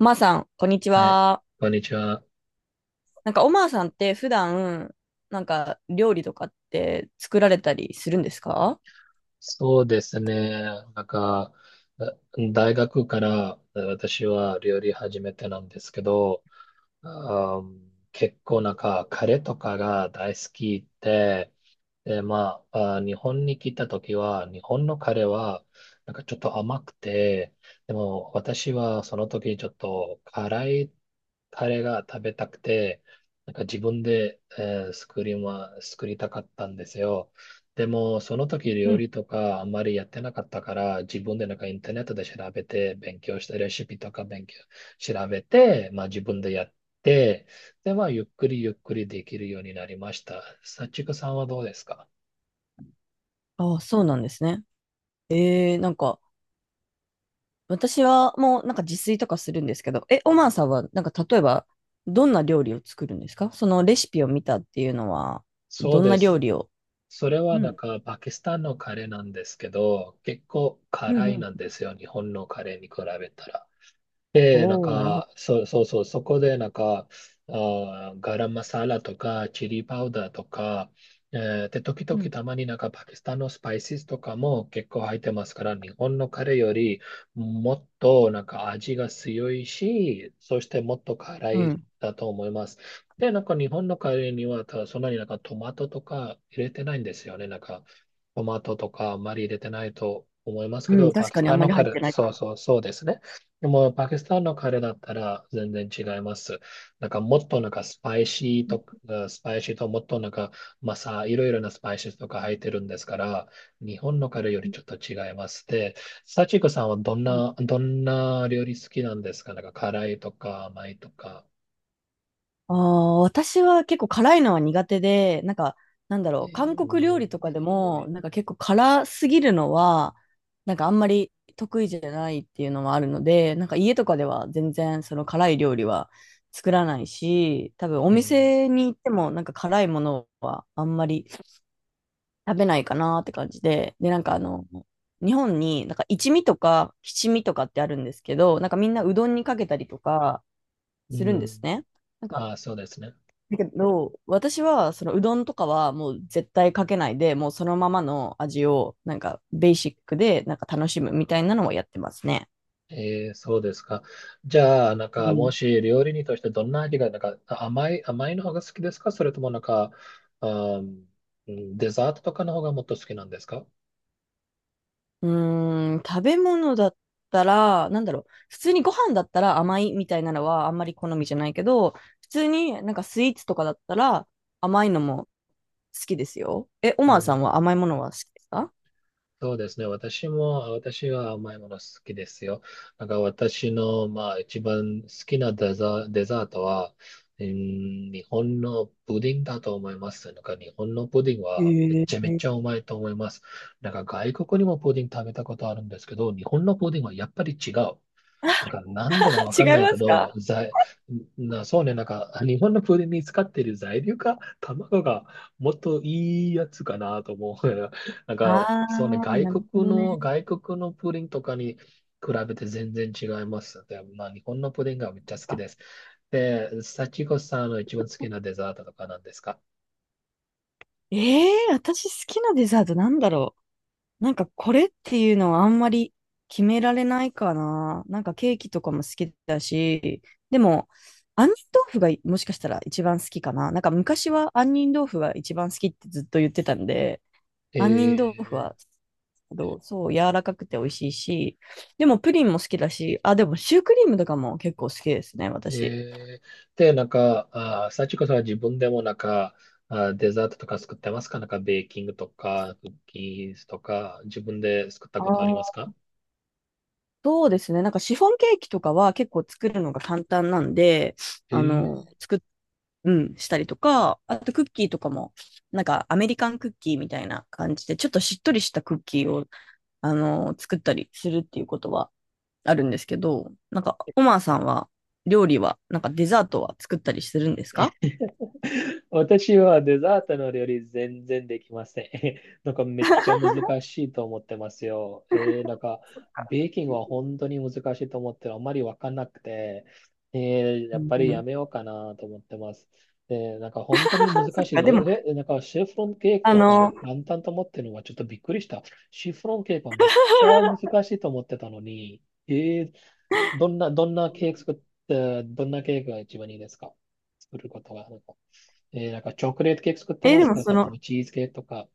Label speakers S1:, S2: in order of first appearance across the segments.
S1: まーさん、こんにち
S2: はい、
S1: は。
S2: こんにちは。
S1: おまーさんって普段、料理とかって作られたりするんですか？
S2: そうですね。なんか、あ、大学から私は料理始めてなんですけど、あー結構カレーとかが大好きで、で、まあ、日本に来た時は、日本のカレーは、なんかちょっと甘くて、でも私はその時ちょっと辛いカレーが食べたくて、なんか自分で、作りたかったんですよ。でも、その時
S1: う
S2: 料
S1: ん。
S2: 理とかあんまりやってなかったから、自分でなんかインターネットで調べて、勉強したレシピとか勉強、調べて、まあ自分でやって、で、まあゆっくりできるようになりました。さちくさんはどうですか？
S1: ああ、そうなんですね。えー、なんか、私はもう、自炊とかするんですけど、え、おまーさんは、例えば、どんな料理を作るんですか？そのレシピを見たっていうのは、
S2: そ
S1: ど
S2: う
S1: ん
S2: で
S1: な料
S2: す。
S1: 理を？
S2: それは
S1: う
S2: なん
S1: ん。
S2: かパキスタンのカレーなんですけど、結構
S1: うん
S2: 辛
S1: う
S2: いなん
S1: ん。
S2: ですよ、日本のカレーに比べたら。で、なん
S1: おー、なるほど。
S2: か、そうそうそう、そこでなんか、あー、ガラムマサラとか、チリパウダーとか、で、時
S1: う
S2: 々
S1: ん。
S2: たまになんかパキスタンのスパイシーとかも結構入ってますから、日本のカレーよりもっとなんか味が強いし、そしてもっと辛
S1: う
S2: い
S1: ん。
S2: だと思います。で、なんか日本のカレーにはただそんなになんかトマトとか入れてないんですよね。なんかトマトとかあんまり入れてないと思います
S1: う
S2: け
S1: ん、
S2: ど、パ
S1: 確
S2: キ
S1: か
S2: ス
S1: にあ
S2: タ
S1: ん
S2: ン
S1: ま
S2: の
S1: り
S2: カ
S1: 入っ
S2: レー、
S1: てない。
S2: そうそうそうですね。でも、パキスタンのカレーだったら全然違います。もっとなんかスパイシーと、スパイシーともっとなんか、まあさ、いろいろなスパイシーとか入ってるんですから、日本のカレーよりちょっと違います。で、サチコさんはどんな、どんな料理好きなんですか？なんか、辛いとか甘いとか。
S1: ああ、私は結構辛いのは苦手で、なんだろ
S2: え
S1: う、韓国料
S2: ー
S1: 理とかでも、結構辛すぎるのは、あんまり得意じゃないっていうのもあるので、家とかでは全然その辛い料理は作らないし、多分お
S2: えー
S1: 店に行っても辛いものはあんまり食べないかなって感じで、で、なんかあの、日本に一味とか七味とかってあるんですけど、なんかみんなうどんにかけたりとか
S2: う
S1: するんです
S2: ん。
S1: ね。なんか
S2: ああ、そうですね。
S1: だけど、私は、そのうどんとかはもう絶対かけないで、もうそのままの味を、ベーシックで、楽しむみたいなのをやってますね。
S2: えー、そうですか。じゃあ、なん
S1: う
S2: か、も
S1: ん。
S2: し料理人としてどんな味が、なんか、甘いの方が好きですか？それともなんか、うん、デザートとかの方がもっと好きなんですか？
S1: うーん、食べ物だったら、なんだろう、普通にご飯だったら甘いみたいなのはあんまり好みじゃないけど、普通にスイーツとかだったら甘いのも好きですよ。え、オマーさんは甘いものは好きですか？
S2: そうですね。私は甘いもの好きですよ。なんか私の、まあ、一番好きなデザ、デザートは、うん、日本のプディングだと思います。なんか日本のプディングはめ
S1: え
S2: ちゃめ
S1: ー、
S2: ちゃうまいと思います。なんか外国にもプディング食べたことあるんですけど、日本のプディングはやっぱり違う。なんか、なんでかわ
S1: 違
S2: か
S1: い
S2: んない
S1: ま
S2: け
S1: す
S2: ど、
S1: か？
S2: そうね、なんか、日本のプリンに使っている材料か、卵がもっといいやつかなと思う。なん
S1: あ
S2: か、そうね、
S1: あー、なるほどね。
S2: 外国のプリンとかに比べて全然違います。で、まあ、日本のプリンがめっちゃ好きです。で、幸子さんの一番好きなデザートとかなんですか？
S1: ええー、私好きなデザート、なんだろう。これっていうのはあんまり決められないかな。ケーキとかも好きだし、でも、杏仁豆腐がもしかしたら一番好きかな。なんか昔は杏仁豆腐が一番好きってずっと言ってたんで、杏仁豆腐
S2: え
S1: は、どうそう、柔らかくて美味しいし、でもプリンも好きだし、あ、でもシュークリームとかも結構好きですね、私。
S2: えー、で、なんか、あー、幸子さんは自分でもなんか、あー、デザートとか作ってますか？なんか、ベーキングとか、クッキーズとか、自分で作った
S1: あ
S2: ことあります
S1: ー、
S2: か？
S1: そうですね。シフォンケーキとかは結構作るのが簡単なんで、
S2: え
S1: あの、
S2: ー、
S1: うん、したりとか、あとクッキーとかも、アメリカンクッキーみたいな感じで、ちょっとしっとりしたクッキーを、あの、作ったりするっていうことはあるんですけど、なんか、オマーさんは、料理は、なんかデザートは作ったりするんですか？
S2: 私はデザートの料理全然できません。なんかめっちゃ難しいと思ってますよ。えー、なんかベーキングは本当に難しいと思ってる。あまりわかんなくて、えー、
S1: う
S2: やっ
S1: ん
S2: ぱり
S1: う
S2: や
S1: ん。
S2: めようかなと思ってます。えー、なんか本当に
S1: そ
S2: 難
S1: っ
S2: しい
S1: か、でも、
S2: で。なんかシフロンケーキ
S1: あ
S2: とか
S1: の、
S2: 簡単と思ってるのはちょっとびっくりした。シフロンケーキはめっちゃ難 しいと思ってたのに、えー、どんなケーキ作って、どんなケーキが一番いいですか？作ることが。えー、なんかチョコレートケーキ作って
S1: え、
S2: ま
S1: で
S2: す
S1: も
S2: から、そ
S1: そ
S2: れと
S1: の、
S2: もチーズケーキとか。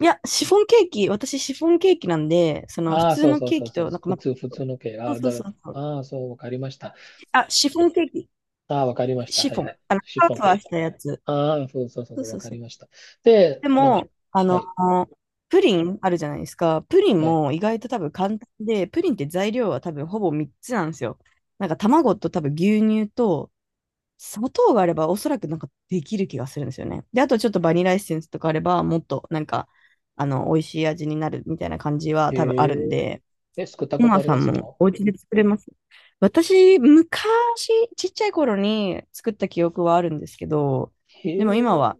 S1: いや、シフォンケーキ、シフォンケーキ、なんで、その普
S2: ああ、
S1: 通
S2: そう
S1: の
S2: そう
S1: ケー
S2: そう
S1: キ
S2: そう、
S1: と、
S2: 普通のケーキ。
S1: そうそうそうそう、
S2: ああ、そう、わかりました。
S1: あ、シフォンケーキ。
S2: ああ、わかりました。
S1: シ
S2: はい
S1: フォ
S2: は
S1: ン。
S2: い。
S1: あの、
S2: シ
S1: ふわ
S2: フォン
S1: ふ
S2: ケ
S1: わし
S2: ーキ。
S1: たやつ。
S2: ああ、そうそうそう
S1: そ
S2: そ
S1: う
S2: う、わ
S1: そう
S2: か
S1: そ
S2: り
S1: う。
S2: ました。で、
S1: で
S2: なんか、
S1: も、あ
S2: は
S1: の、
S2: い、
S1: プリンあるじゃないですか。プリン
S2: はい。
S1: も意外と多分簡単で、プリンって材料は多分ほぼ3つなんですよ。卵と多分牛乳と砂糖があればおそらくできる気がするんですよね。で、あとちょっとバニラエッセンスとかあればもっとなんか、あの、美味しい味になるみたいな感じは
S2: へ
S1: 多分あるん
S2: え、
S1: で、
S2: え、作った
S1: コ
S2: こと
S1: マ
S2: あり
S1: さ
S2: ま
S1: ん
S2: す
S1: も
S2: か？
S1: お家で作れます？私、昔、ちっちゃい頃に作った記憶はあるんですけど、
S2: へ
S1: でも今
S2: え、
S1: は、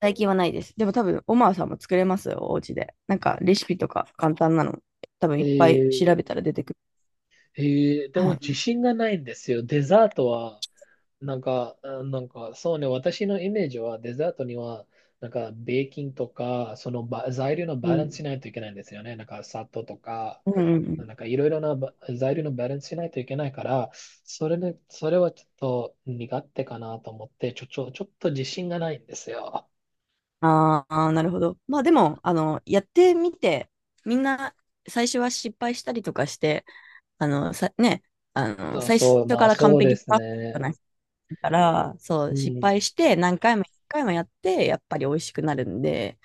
S1: 最近はないです。でも多分、オマーさんも作れますよ、お家で。なんか、レシピとか簡単なの、多分
S2: え
S1: いっぱい調
S2: ー
S1: べたら出てくる。
S2: えでも
S1: はい。
S2: 自信がないんですよ。デザートは、なんか、なんか、そうね、私のイメージはデザートには、なんか、ベーキンとか、そのば材料の
S1: う
S2: バランスし
S1: ん。
S2: ないといけないんですよね。なんか、砂糖とか、
S1: うんうんうん。
S2: なんか、いろいろなば材料のバランスしないといけないから、それはちょっと苦手かなと思って、ちょっと自信がないんですよ。
S1: ああ、なるほど。まあでも、あの、やってみて、みんな、最初は失敗したりとかして、あの、さ、ね、あの、最初
S2: そう、ま
S1: か
S2: あ、
S1: ら完
S2: そうで
S1: 璧
S2: す
S1: な
S2: ね。
S1: から、そ
S2: う
S1: う、失
S2: ん、
S1: 敗して何回も何回もやって、やっぱり美味しくなるんで、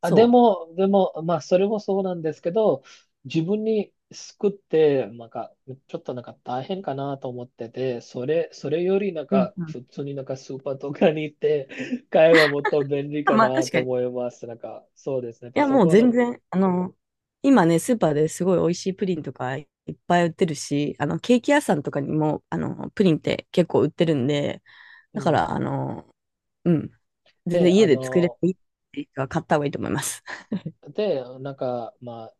S2: あ、
S1: そ
S2: でも、まあ、それもそうなんですけど、自分に救って、なんか、ちょっとなんか大変かなと思ってて、それよりなん
S1: う。うん
S2: か、
S1: うん。
S2: 普通になんかスーパーとかに行って、買えばもっと便利
S1: あ、
S2: か
S1: まあ
S2: な
S1: 確
S2: と
S1: かに。い
S2: 思います。なんか、そうですね。で、
S1: や、
S2: そ
S1: もう
S2: こ
S1: 全
S2: の、
S1: 然、あの、今ね、スーパーですごい美味しいプリンとかいっぱい売ってるし、あの、ケーキ屋さんとかにも、あの、プリンって結構売ってるんで、
S2: う
S1: だから、
S2: ん。
S1: あの、うん、全然
S2: で、
S1: 家
S2: あ
S1: で作れて
S2: の、
S1: いいっていう人は買った方がいいと思います。
S2: で、なんか、まあ、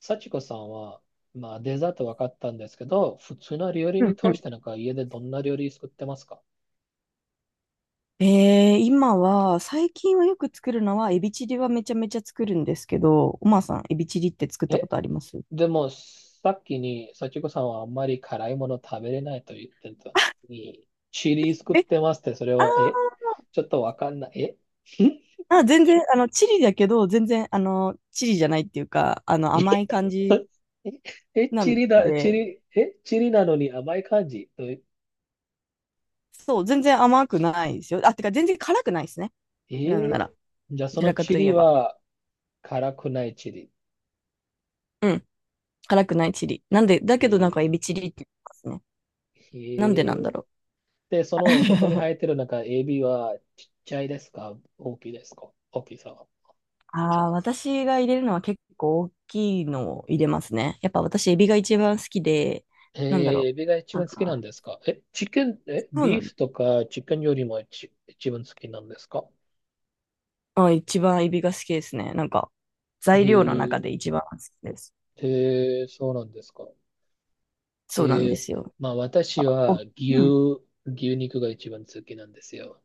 S2: 幸子さんは、まあ、デザート分かったんですけど、普通の料理
S1: う
S2: に
S1: んう
S2: 通
S1: ん。
S2: してなんか、家でどんな料理作ってますか？
S1: えー、今は、最近はよく作るのは、エビチリはめちゃめちゃ作るんですけど、おまさん、エビチリって作ったこ
S2: え
S1: とあります？
S2: でも、さっきに、幸子さんはあんまり辛いもの食べれないと言ってたのに、チリ作っ
S1: え、
S2: てますって、それ
S1: あ
S2: は、
S1: ー、
S2: え、ちょっとわかんない。え、
S1: あ、全然、あの、チリだけど、全然、あの、チリじゃないっていうか、あの、
S2: え
S1: 甘い感じ
S2: え、え
S1: な
S2: チ
S1: ん
S2: リだ、チ
S1: で、
S2: リ、え、チリなのに甘い感じ。とえ
S1: そう、全然甘くないですよ。あ、てか、全然辛くないですね。なん
S2: ー、
S1: なら、
S2: じゃあ
S1: ど
S2: そ
S1: ち
S2: の
S1: らか
S2: チ
S1: とい
S2: リ
S1: えば。
S2: は辛くないチリ。
S1: うん、辛くないチリ。なんで、だ
S2: え
S1: けどなん
S2: ー
S1: かエビチリって言いますね。
S2: え
S1: なんでなん
S2: ー
S1: だろ
S2: で、
S1: う。
S2: その、そこに生 えてるなんかエビはちっちゃいですか？大きいですか？大きさは。
S1: ああ、私が入れるのは結構大きいのを入れますね。やっぱ私、エビが一番好きで、
S2: えー、
S1: なんだろ
S2: エビが一
S1: う。なん
S2: 番好きなん
S1: か、
S2: ですか？え、チキン、え、
S1: そうな
S2: ビー
S1: ん
S2: フとかチキンよりも一番好きなんですか？
S1: あ、一番エビが好きですね。なんか、
S2: え
S1: 材料の中で
S2: ー、
S1: 一番好きです。
S2: えー、そうなんですか？え
S1: そうなんで
S2: ー、
S1: すよ。
S2: まあ
S1: あ、
S2: 私は
S1: お、
S2: 牛、
S1: うん。
S2: 牛肉が一番好きなんですよ。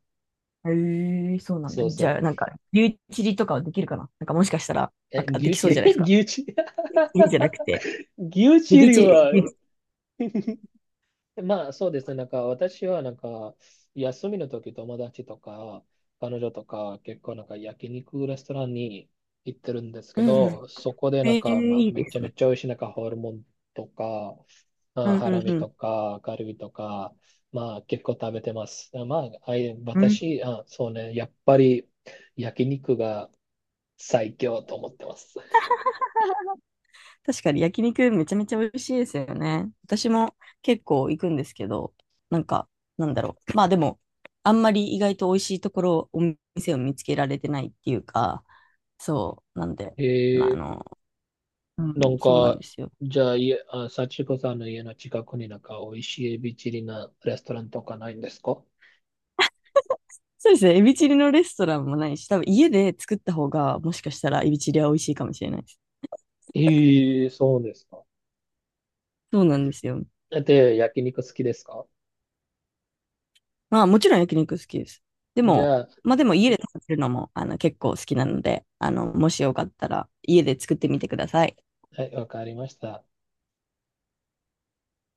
S1: へえ、そうなんだ。
S2: そう
S1: じ
S2: そ
S1: ゃあ、なんか、リュウチリとかはできるかな？なんか、もしかした
S2: う。
S1: ら、な
S2: え、
S1: んかで
S2: 牛
S1: きそ
S2: チ
S1: う
S2: リ、
S1: じゃないです か。
S2: 牛チリ、
S1: いいんじゃなくて、
S2: 牛
S1: エ
S2: チ
S1: ビ
S2: リ
S1: チ
S2: は
S1: リ。
S2: まあそうですね、なんか私は休みの時友達とか彼女とか結構なんか焼肉レストランに行ってるんですけ
S1: うんうん。
S2: ど、そこでなん
S1: え
S2: か、ま
S1: え、
S2: あ、
S1: いい
S2: め
S1: で
S2: ちゃ
S1: す
S2: め
S1: ね。
S2: ちゃ美味しいなんかホルモンとか、ま
S1: う
S2: あ、
S1: んう
S2: ハラ
S1: んう
S2: ミと
S1: ん。
S2: かカルビとか、まあ結構食べてます。まあ、あい、
S1: うん、
S2: 私、あ、そうね、やっぱり焼肉が最強と思ってます。
S1: 確かに焼肉めちゃめちゃ美味しいですよね。私も結構行くんですけど、なんか、なんだろう。まあでも、あんまり意外と美味しいところ、お店を見つけられてないっていうか、そう。なんで、
S2: へ
S1: まあ、あ
S2: え、
S1: の、う
S2: な
S1: ん。
S2: ん
S1: そうなん
S2: か、
S1: ですよ。
S2: じゃあ、いえあ、幸子さんの家の近くになんか美味しいエビチリなレストランとかないんですか？
S1: そうですね。エビチリのレストランもないし、多分家で作った方が、もしかしたらエビチリは美味しいかもしれないです。
S2: ええ、そうですか。
S1: そうなんですよ。
S2: で、焼肉好きですか？
S1: まあ、もちろん焼肉好きです。で
S2: じ
S1: も、
S2: ゃあ、
S1: まあでも家で食べるのも、あの、結構好きなので、あの、もしよかったら家で作ってみてください。
S2: はい、わかりました。